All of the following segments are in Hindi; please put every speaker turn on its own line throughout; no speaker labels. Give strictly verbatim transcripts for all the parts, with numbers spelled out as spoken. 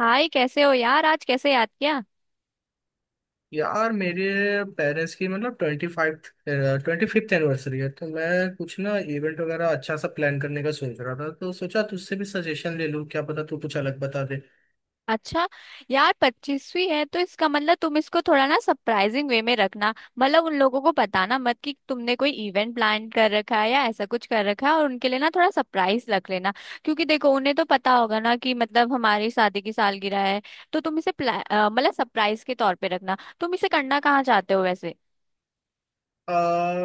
हाय, कैसे हो यार। आज कैसे याद किया।
यार मेरे पेरेंट्स की मतलब twenty five twenty fifth anniversary है। तो मैं कुछ ना इवेंट वगैरह अच्छा सा प्लान करने का सोच रहा था, तो सोचा तुझसे भी सजेशन ले लूँ, क्या पता तू कुछ अलग बता दे।
अच्छा, यार पच्चीसवीं है तो इसका मतलब तुम इसको थोड़ा ना सरप्राइजिंग वे में रखना। मतलब उन लोगों को बताना मत कि तुमने कोई इवेंट प्लान कर रखा है या ऐसा कुछ कर रखा है, और उनके लिए ना थोड़ा सरप्राइज रख लेना। क्योंकि देखो, उन्हें तो पता होगा ना कि मतलब हमारी शादी की सालगिरह है। तो तुम इसे प्ला- अ, मतलब सरप्राइज के तौर पे रखना। तुम इसे करना कहाँ चाहते हो वैसे।
आ,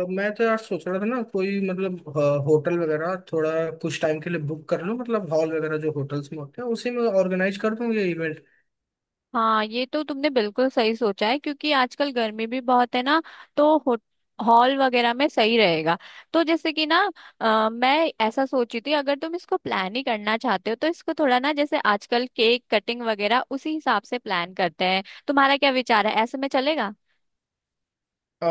मैं तो यार सोच रहा था ना, कोई मतलब होटल वगैरह थोड़ा कुछ टाइम के लिए बुक कर लूँ, मतलब हॉल वगैरह जो होटल्स में होते हैं उसी में ऑर्गेनाइज कर दूँ ये इवेंट।
हाँ, ये तो तुमने बिल्कुल सही सोचा है, क्योंकि आजकल गर्मी भी बहुत है ना। तो हो, हॉल वगैरह में सही रहेगा। तो जैसे कि ना, अ, मैं ऐसा सोची थी, अगर तुम इसको प्लान ही करना चाहते हो तो इसको थोड़ा ना जैसे आजकल केक कटिंग वगैरह उसी हिसाब से प्लान करते हैं। तुम्हारा क्या विचार है, ऐसे में चलेगा।
अ,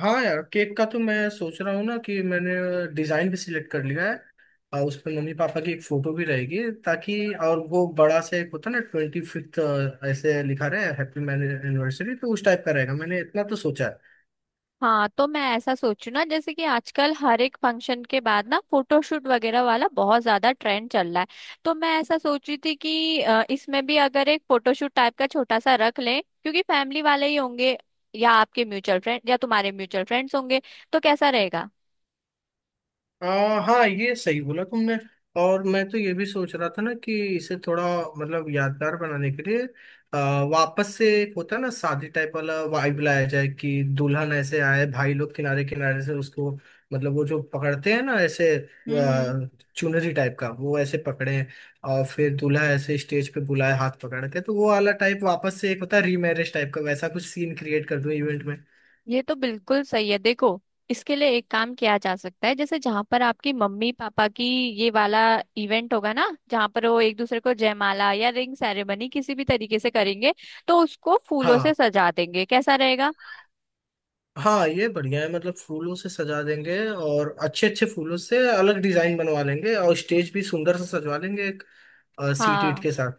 हाँ यार, केक का तो मैं सोच रहा हूँ ना कि मैंने डिजाइन भी सिलेक्ट कर लिया है। अ, उस पर मम्मी पापा की एक फोटो भी रहेगी ताकि, और वो बड़ा सा एक होता है ना ट्वेंटी फिफ्थ, ऐसे लिखा रहे हैप्पी मैरिज एनिवर्सरी, तो उस टाइप का रहेगा, मैंने इतना तो सोचा।
हाँ, तो मैं ऐसा सोचू ना, जैसे कि आजकल हर एक फंक्शन के बाद ना फोटोशूट वगैरह वाला बहुत ज्यादा ट्रेंड चल रहा है। तो मैं ऐसा सोची थी कि अ, इसमें भी अगर एक फोटोशूट टाइप का छोटा सा रख लें, क्योंकि फैमिली वाले ही होंगे या आपके म्यूचुअल फ्रेंड या तुम्हारे म्यूचुअल फ्रेंड्स होंगे। तो कैसा रहेगा।
आ, हाँ, ये सही बोला तुमने। और मैं तो ये भी सोच रहा था ना कि इसे थोड़ा, मतलब यादगार बनाने के लिए, आ, वापस से एक होता है ना शादी टाइप वाला वाइब लाया जाए, कि दुल्हन ऐसे आए, भाई लोग किनारे किनारे से उसको, मतलब वो जो पकड़ते हैं ना ऐसे,
हम्म।
आ, चुनरी टाइप का, वो ऐसे पकड़े, और फिर दूल्हा ऐसे स्टेज पे बुलाए हाथ पकड़ के। तो वो वाला टाइप, वापस से एक होता है रीमैरिज टाइप का, वैसा कुछ सीन क्रिएट कर दूं इवेंट में।
ये तो बिल्कुल सही है। देखो, इसके लिए एक काम किया जा सकता है, जैसे जहां पर आपकी मम्मी पापा की ये वाला इवेंट होगा ना, जहां पर वो एक दूसरे को जयमाला या रिंग सेरेमनी किसी भी तरीके से करेंगे, तो उसको फूलों से
हाँ।
सजा देंगे। कैसा रहेगा।
हाँ ये बढ़िया है, मतलब फूलों से सजा देंगे, और अच्छे अच्छे फूलों से अलग डिजाइन बनवा लेंगे, और स्टेज भी सुंदर से सजवा लेंगे, एक सीट ईट
हाँ।
के साथ।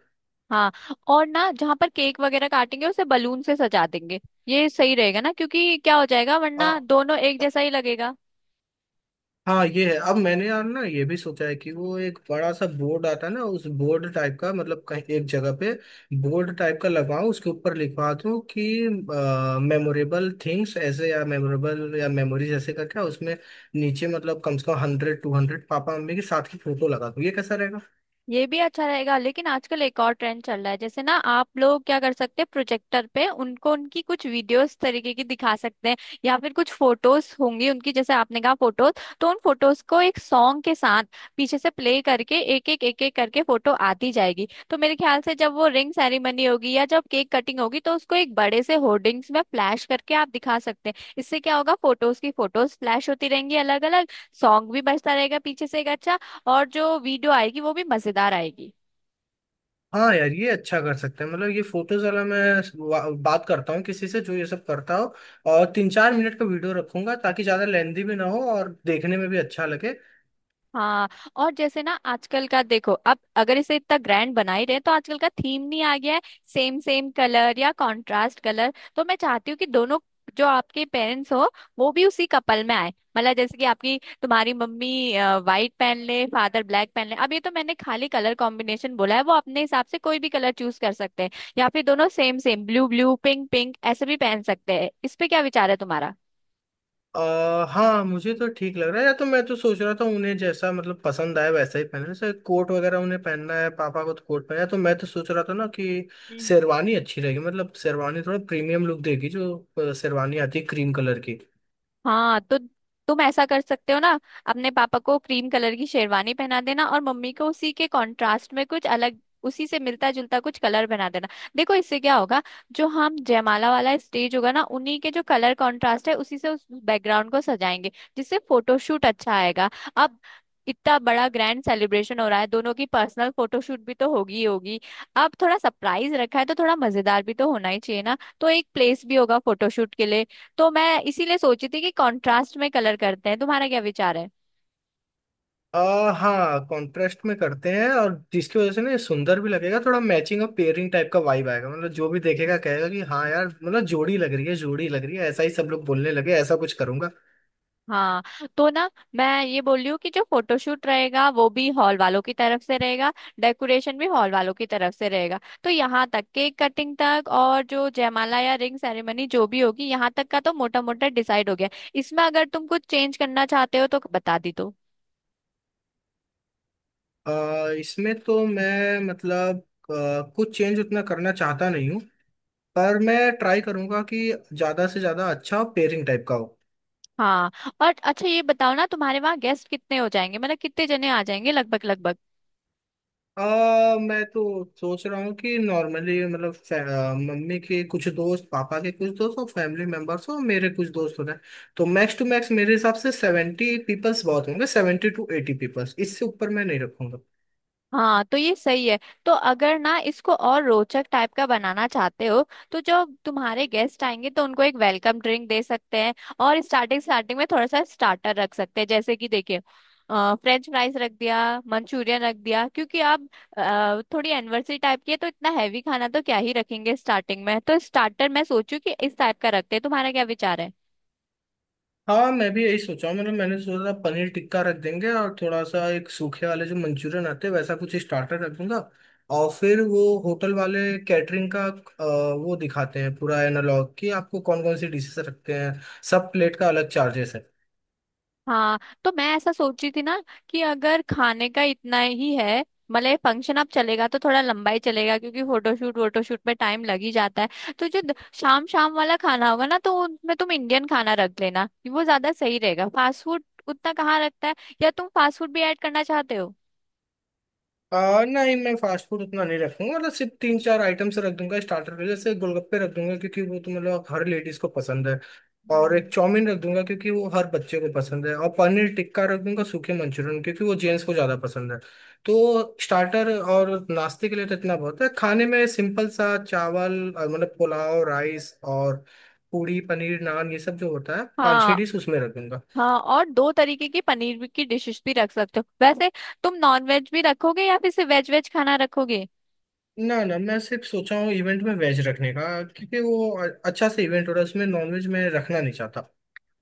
हाँ, और ना जहां पर केक वगैरह काटेंगे उसे बलून से सजा देंगे। ये सही रहेगा ना, क्योंकि क्या हो जाएगा
आ,
वरना दोनों एक जैसा ही लगेगा।
हाँ ये है। अब मैंने यार ना ये भी सोचा है कि वो एक बड़ा सा बोर्ड आता है ना, उस बोर्ड टाइप का, मतलब कहीं एक जगह पे बोर्ड टाइप का लगाऊं, उसके ऊपर लिखवा दूं कि मेमोरेबल थिंग्स ऐसे, या मेमोरेबल, या मेमोरीज, ऐसे करके उसमें नीचे मतलब कम से कम हंड्रेड टू हंड्रेड पापा मम्मी के साथ की फोटो लगा दूं। ये कैसा?
ये भी अच्छा रहेगा, लेकिन आजकल एक और ट्रेंड चल रहा है। जैसे ना, आप लोग क्या कर सकते हैं, प्रोजेक्टर पे उनको उनकी कुछ वीडियोस तरीके की दिखा सकते हैं। या फिर कुछ फोटोज होंगी उनकी, जैसे आपने कहा फोटोज, तो उन फोटोज को एक सॉन्ग के साथ पीछे से प्ले करके एक एक एक एक करके फोटो आती जाएगी। तो मेरे ख्याल से जब वो रिंग सेरेमनी होगी या जब केक कटिंग होगी, तो उसको एक बड़े से होर्डिंग्स में फ्लैश करके आप दिखा सकते हैं। इससे क्या होगा, फोटोज की फोटोज फ्लैश होती रहेंगी अलग अलग, सॉन्ग भी बजता रहेगा पीछे से एक अच्छा, और जो वीडियो आएगी वो भी मजेदार आएगी।
हाँ यार, ये अच्छा कर सकते हैं। मतलब ये फोटोज वाला मैं वा- बात करता हूँ किसी से जो ये सब करता हो। और तीन चार मिनट का वीडियो रखूंगा, ताकि ज्यादा लेंदी भी ना हो और देखने में भी अच्छा लगे।
हाँ, और जैसे ना आजकल का देखो, अब अगर इसे इतना ग्रैंड बना ही रहे, तो आजकल का थीम नहीं आ गया है, सेम सेम कलर या कंट्रास्ट कलर। तो मैं चाहती हूँ कि दोनों, जो आपके पेरेंट्स हो, वो भी उसी कपल में आए। मतलब जैसे कि आपकी तुम्हारी मम्मी वाइट पहन ले, फादर ब्लैक पहन ले। अब ये तो मैंने खाली कलर कॉम्बिनेशन बोला है, वो अपने हिसाब से कोई भी कलर चूज कर सकते हैं। या फिर दोनों same same, blue blue, pink pink ऐसे भी पहन सकते हैं। इस पे क्या विचार है तुम्हारा।
आ, हाँ, मुझे तो ठीक लग रहा है। या तो मैं तो सोच रहा था उन्हें जैसा मतलब पसंद आए वैसा ही पहने, जैसे कोट वगैरह उन्हें पहनना है, पापा को तो कोट पहना है, तो मैं तो सोच रहा था ना कि शेरवानी अच्छी रहेगी, मतलब शेरवानी थोड़ा प्रीमियम लुक देगी, जो अ, शेरवानी आती है क्रीम कलर की।
हाँ, तो तुम ऐसा कर सकते हो ना, अपने पापा को क्रीम कलर की शेरवानी पहना देना और मम्मी को उसी के कंट्रास्ट में कुछ अलग, उसी से मिलता जुलता कुछ कलर बना देना। देखो इससे क्या होगा, जो हम जयमाला वाला स्टेज होगा ना, उन्हीं के जो कलर कंट्रास्ट है उसी से उस बैकग्राउंड को सजाएंगे, जिससे फोटोशूट अच्छा आएगा। अब इतना बड़ा ग्रैंड सेलिब्रेशन हो रहा है, दोनों की पर्सनल फोटोशूट भी तो होगी ही होगी। अब थोड़ा सरप्राइज रखा है तो थोड़ा मजेदार भी तो होना ही चाहिए ना। तो एक प्लेस भी होगा फोटोशूट के लिए। तो मैं इसीलिए सोची थी कि कंट्रास्ट में कलर करते हैं। तुम्हारा क्या विचार है।
आ, हाँ, कॉन्ट्रास्ट में करते हैं, और जिसकी वजह से ना ये सुंदर भी लगेगा, थोड़ा मैचिंग और पेयरिंग टाइप का वाइब आएगा, मतलब जो भी देखेगा कहेगा कि हाँ यार, मतलब जोड़ी लग रही है, जोड़ी लग रही है, ऐसा ही सब लोग बोलने लगे, ऐसा कुछ करूंगा।
हाँ, तो ना मैं ये बोल रही हूँ कि जो फोटोशूट रहेगा वो भी हॉल वालों की तरफ से रहेगा, डेकोरेशन भी हॉल वालों की तरफ से रहेगा। तो यहाँ तक केक कटिंग तक और जो जयमाला या रिंग सेरेमनी जो भी होगी, यहाँ तक का तो मोटा मोटा डिसाइड हो गया। इसमें अगर तुम कुछ चेंज करना चाहते हो तो बता दी तो।
आ, इसमें तो मैं मतलब आ, कुछ चेंज उतना करना चाहता नहीं हूँ, पर मैं ट्राई करूंगा कि ज्यादा से ज्यादा अच्छा पेयरिंग टाइप का हो।
हाँ, और अच्छा ये बताओ ना, तुम्हारे वहाँ गेस्ट कितने हो जाएंगे। मतलब कितने जने आ जाएंगे लगभग लगभग।
आ, मैं तो सोच रहा हूँ कि नॉर्मली, मतलब फै- अ, मम्मी के कुछ दोस्त, पापा के कुछ दोस्त, और फैमिली मेंबर्स और मेरे कुछ दोस्त हो रहे हैं। तो मैक्स टू मैक्स मेरे हिसाब से सेवेंटी पीपल्स बहुत होंगे, सेवेंटी टू एटी पीपल्स, इससे ऊपर मैं नहीं रखूंगा।
हाँ, तो ये सही है। तो अगर ना इसको और रोचक टाइप का बनाना चाहते हो, तो जो तुम्हारे गेस्ट आएंगे तो उनको एक वेलकम ड्रिंक दे सकते हैं। और स्टार्टिंग स्टार्टिंग में थोड़ा सा स्टार्टर रख सकते हैं, जैसे कि देखिए, फ्रेंच फ्राइज रख दिया, मंचूरियन रख दिया, क्योंकि आप अ, थोड़ी एनिवर्सरी टाइप की है। तो इतना हैवी खाना तो क्या ही रखेंगे स्टार्टिंग में, तो स्टार्टर मैं सोचू कि इस टाइप का रखते हैं। तुम्हारा क्या विचार है।
हाँ, मैं भी यही सोचा हूँ। मतलब मैंने सोचा था पनीर टिक्का रख देंगे, और थोड़ा सा एक सूखे वाले जो मंचूरियन आते हैं वैसा कुछ स्टार्टर रख दूंगा। और फिर वो होटल वाले कैटरिंग का अ, वो दिखाते हैं पूरा एनालॉग कि आपको कौन कौन सी डिशेस रखते हैं, सब प्लेट का अलग चार्जेस है।
हाँ, तो मैं ऐसा सोची थी ना, कि अगर खाने का इतना ही है, मतलब ये फंक्शन अब चलेगा तो थोड़ा लंबा ही चलेगा, क्योंकि फोटोशूट वोटोशूट में टाइम लग ही जाता है। तो जो द- शाम शाम वाला खाना होगा ना, तो उनमें तुम इंडियन खाना रख लेना, वो ज्यादा सही रहेगा। फास्ट फूड उतना कहाँ रखता है, या तुम फास्ट फूड भी ऐड करना चाहते हो।
आ, नहीं, मैं फास्ट फूड उतना नहीं रखूंगा, मतलब सिर्फ तीन चार आइटम से रख दूंगा स्टार्टर में, जैसे गोलगप्पे रख दूंगा क्योंकि वो तो मतलब हर लेडीज को पसंद है, और एक
हम्म।
चाउमीन रख दूंगा क्योंकि वो हर बच्चे को पसंद है, और पनीर टिक्का रख दूंगा, सूखे मंचूरियन, क्योंकि वो जेंट्स को ज्यादा पसंद है। तो स्टार्टर और नाश्ते के लिए तो इतना बहुत है। खाने में सिंपल सा चावल, और मतलब पुलाव राइस, और पूड़ी, पनीर, नान, ये सब जो होता है पाँच छः
हाँ।
डिश उसमें रख दूंगा।
हाँ, और दो तरीके की पनीर की डिशेस भी रख सकते हो वैसे। तुम नॉन वेज भी रखोगे या फिर सिर्फ वेज वेज खाना रखोगे।
ना ना, मैं सिर्फ सोचा हूँ इवेंट में वेज रखने का, क्योंकि वो अ- अच्छा सा इवेंट हो रहा है, उसमें नॉनवेज मैं रखना नहीं चाहता।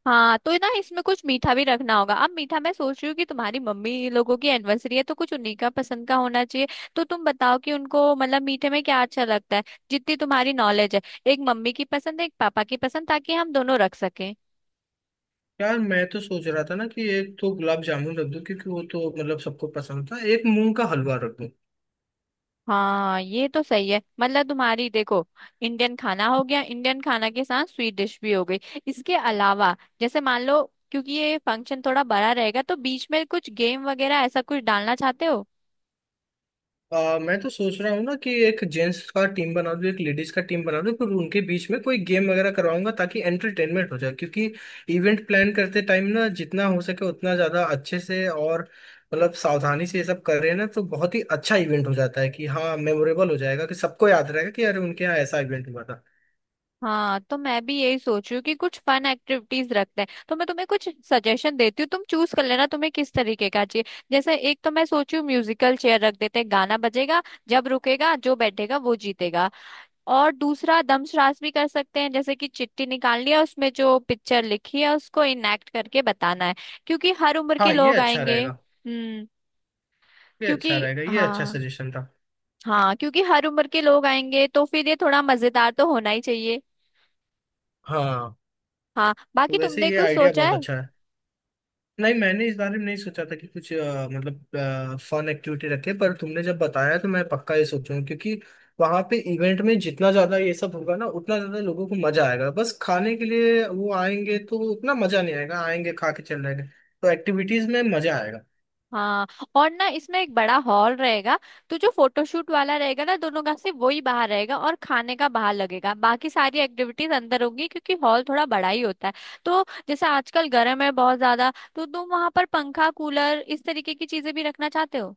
हाँ, तो ना इसमें कुछ मीठा भी रखना होगा। अब मीठा मैं सोच रही हूँ कि तुम्हारी मम्मी लोगों की एनिवर्सरी है, तो कुछ उन्हीं का पसंद का होना चाहिए। तो तुम बताओ कि उनको मतलब मीठे में क्या अच्छा लगता है, जितनी तुम्हारी नॉलेज है। एक मम्मी की पसंद, एक पापा की पसंद, ताकि हम दोनों रख सकें।
यार मैं तो सोच रहा था ना कि एक तो गुलाब जामुन रख दूँ क्योंकि वो तो मतलब सबको पसंद था, एक मूंग का हलवा रख दूँ।
हाँ ये तो सही है। मतलब तुम्हारी देखो, इंडियन खाना हो गया, इंडियन खाना के साथ स्वीट डिश भी हो गई। इसके अलावा जैसे मान लो, क्योंकि ये फंक्शन थोड़ा बड़ा रहेगा, तो बीच में कुछ गेम वगैरह ऐसा कुछ डालना चाहते हो।
आ, मैं तो सोच रहा हूँ ना कि एक जेंट्स का टीम बना दूँ, एक लेडीज का टीम बना दूँ, फिर उनके बीच में कोई गेम वगैरह करवाऊंगा, ताकि एंटरटेनमेंट हो जाए। क्योंकि इवेंट प्लान करते टाइम ना, जितना हो सके उतना ज्यादा अच्छे से और मतलब सावधानी से ये सब कर रहे हैं ना, तो बहुत ही अच्छा इवेंट हो जाता है, कि हाँ मेमोरेबल हो जाएगा, कि सबको याद रहेगा कि अरे उनके यहाँ ऐसा इवेंट हुआ था।
हाँ, तो मैं भी यही सोच रही हूँ कि कुछ फन एक्टिविटीज रखते हैं। तो मैं तुम्हें कुछ सजेशन देती हूँ, तुम चूज कर लेना तुम्हें किस तरीके का चाहिए। जैसे एक तो मैं सोच रही हूँ म्यूजिकल चेयर रख देते हैं, गाना बजेगा, जब रुकेगा जो बैठेगा वो जीतेगा। और दूसरा दमश्रास भी कर सकते हैं, जैसे कि चिट्ठी निकालनी है, उसमें जो पिक्चर लिखी है उसको इनएक्ट करके बताना है, क्योंकि हर उम्र के
हाँ ये
लोग
अच्छा
आएंगे।
रहेगा।
हम्म।
ये अच्छा
क्योंकि
रहेगा, ये अच्छा
हाँ।
सजेशन था।
हाँ, क्योंकि हर उम्र के लोग आएंगे तो फिर ये थोड़ा मजेदार तो होना ही चाहिए।
हाँ,
हाँ,
तो
बाकी
वैसे
तुमने
ये
कुछ
आइडिया
सोचा
बहुत
है।
अच्छा है। नहीं, मैंने इस बारे में नहीं सोचा था कि कुछ अ, मतलब फन एक्टिविटी रखे, पर तुमने जब बताया तो मैं पक्का ये सोचूंगा, क्योंकि वहां पे इवेंट में जितना ज्यादा ये सब होगा ना उतना ज्यादा लोगों को मजा आएगा, बस खाने के लिए वो आएंगे तो उतना मजा नहीं आएगा, आएंगे खा के चल जाएंगे, तो एक्टिविटीज में मजा आएगा।
हाँ, और ना इसमें एक बड़ा हॉल रहेगा, तो जो फोटोशूट वाला रहेगा ना दोनों का, सिर्फ वही बाहर रहेगा और खाने का बाहर लगेगा, बाकी सारी एक्टिविटीज अंदर होंगी, क्योंकि हॉल थोड़ा बड़ा ही होता है। तो जैसे आजकल गर्म है बहुत ज्यादा, तो तुम वहां पर पंखा, कूलर इस तरीके की चीजें भी रखना चाहते हो।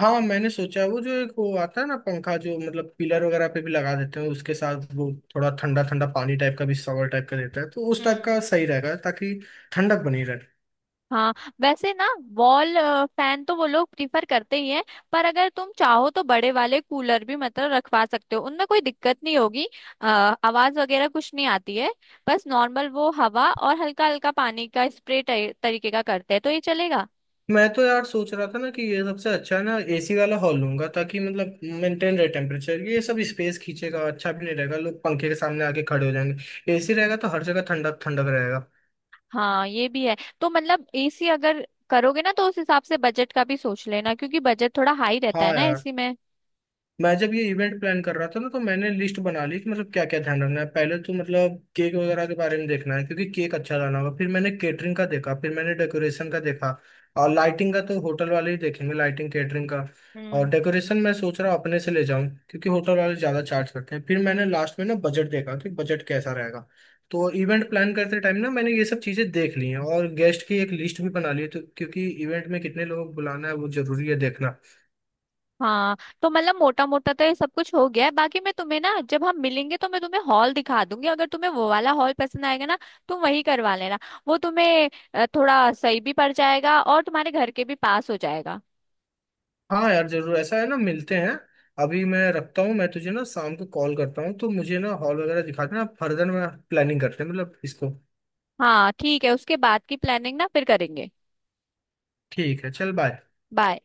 हाँ, मैंने सोचा है, वो जो एक वो आता है ना पंखा, जो मतलब पिलर वगैरह पे भी लगा देते हैं, उसके साथ वो थोड़ा ठंडा ठंडा पानी टाइप का भी सवर टाइप का देता है, तो उस टाइप
हम्म।
का सही रहेगा, ताकि ठंडक बनी रहे।
हाँ, वैसे ना वॉल फैन तो वो लोग प्रीफर करते ही हैं, पर अगर तुम चाहो तो बड़े वाले कूलर भी मतलब रखवा सकते हो, उनमें कोई दिक्कत नहीं होगी। अ, आवाज वगैरह कुछ नहीं आती है, बस नॉर्मल वो हवा और हल्का हल्का पानी का स्प्रे तरीके का करते हैं, तो ये चलेगा।
मैं तो यार सोच रहा था ना कि ये सबसे अच्छा है ना, एसी वाला हॉल लूंगा, ताकि मतलब मेंटेन रहे टेम्परेचर। ये सब स्पेस खींचेगा, अच्छा भी नहीं रहेगा, लोग पंखे के सामने आके खड़े हो जाएंगे। एसी रहेगा तो हर जगह ठंडक ठंडक रहेगा।
हाँ ये भी है। तो मतलब एसी अगर करोगे ना, तो उस हिसाब से बजट का भी सोच लेना, क्योंकि बजट थोड़ा हाई रहता है
हाँ
ना
यार,
एसी में।
मैं जब ये इवेंट प्लान कर रहा था ना तो मैंने लिस्ट बना ली कि मतलब क्या क्या ध्यान रखना है, पहले तो मतलब केक वगैरह के बारे में देखना है क्योंकि केक अच्छा लाना होगा, फिर मैंने केटरिंग का देखा, फिर मैंने डेकोरेशन का देखा, और लाइटिंग का तो होटल वाले ही देखेंगे, लाइटिंग केटरिंग का, और
हम्म।
डेकोरेशन मैं सोच रहा हूँ अपने से ले जाऊँ क्योंकि होटल वाले ज़्यादा चार्ज करते हैं, फिर मैंने लास्ट में ना बजट देखा कि बजट कैसा रहेगा। तो इवेंट प्लान करते टाइम ना मैंने ये सब चीज़ें देख ली हैं, और गेस्ट की एक लिस्ट भी बना ली है, तो क्योंकि इवेंट में कितने लोग बुलाना है वो ज़रूरी है देखना।
हाँ, तो मतलब मोटा मोटा तो ये सब कुछ हो गया है। बाकी मैं तुम्हें ना जब हम मिलेंगे तो मैं तुम्हें हॉल दिखा दूंगी। अगर तुम्हें वो वाला हॉल पसंद आएगा ना, तुम वही करवा लेना। वो तुम्हें अ, थोड़ा सही भी पड़ जाएगा और तुम्हारे घर के भी पास हो जाएगा।
हाँ यार जरूर। ऐसा है ना, मिलते हैं। अभी मैं रखता हूँ, मैं तुझे ना शाम को कॉल करता हूँ, तो मुझे ना हॉल वगैरह दिखा देना, फर्दर मैं प्लानिंग करते हैं, मतलब इसको।
हाँ ठीक है, उसके बाद की प्लानिंग ना फिर करेंगे।
ठीक है, चल बाय।
बाय।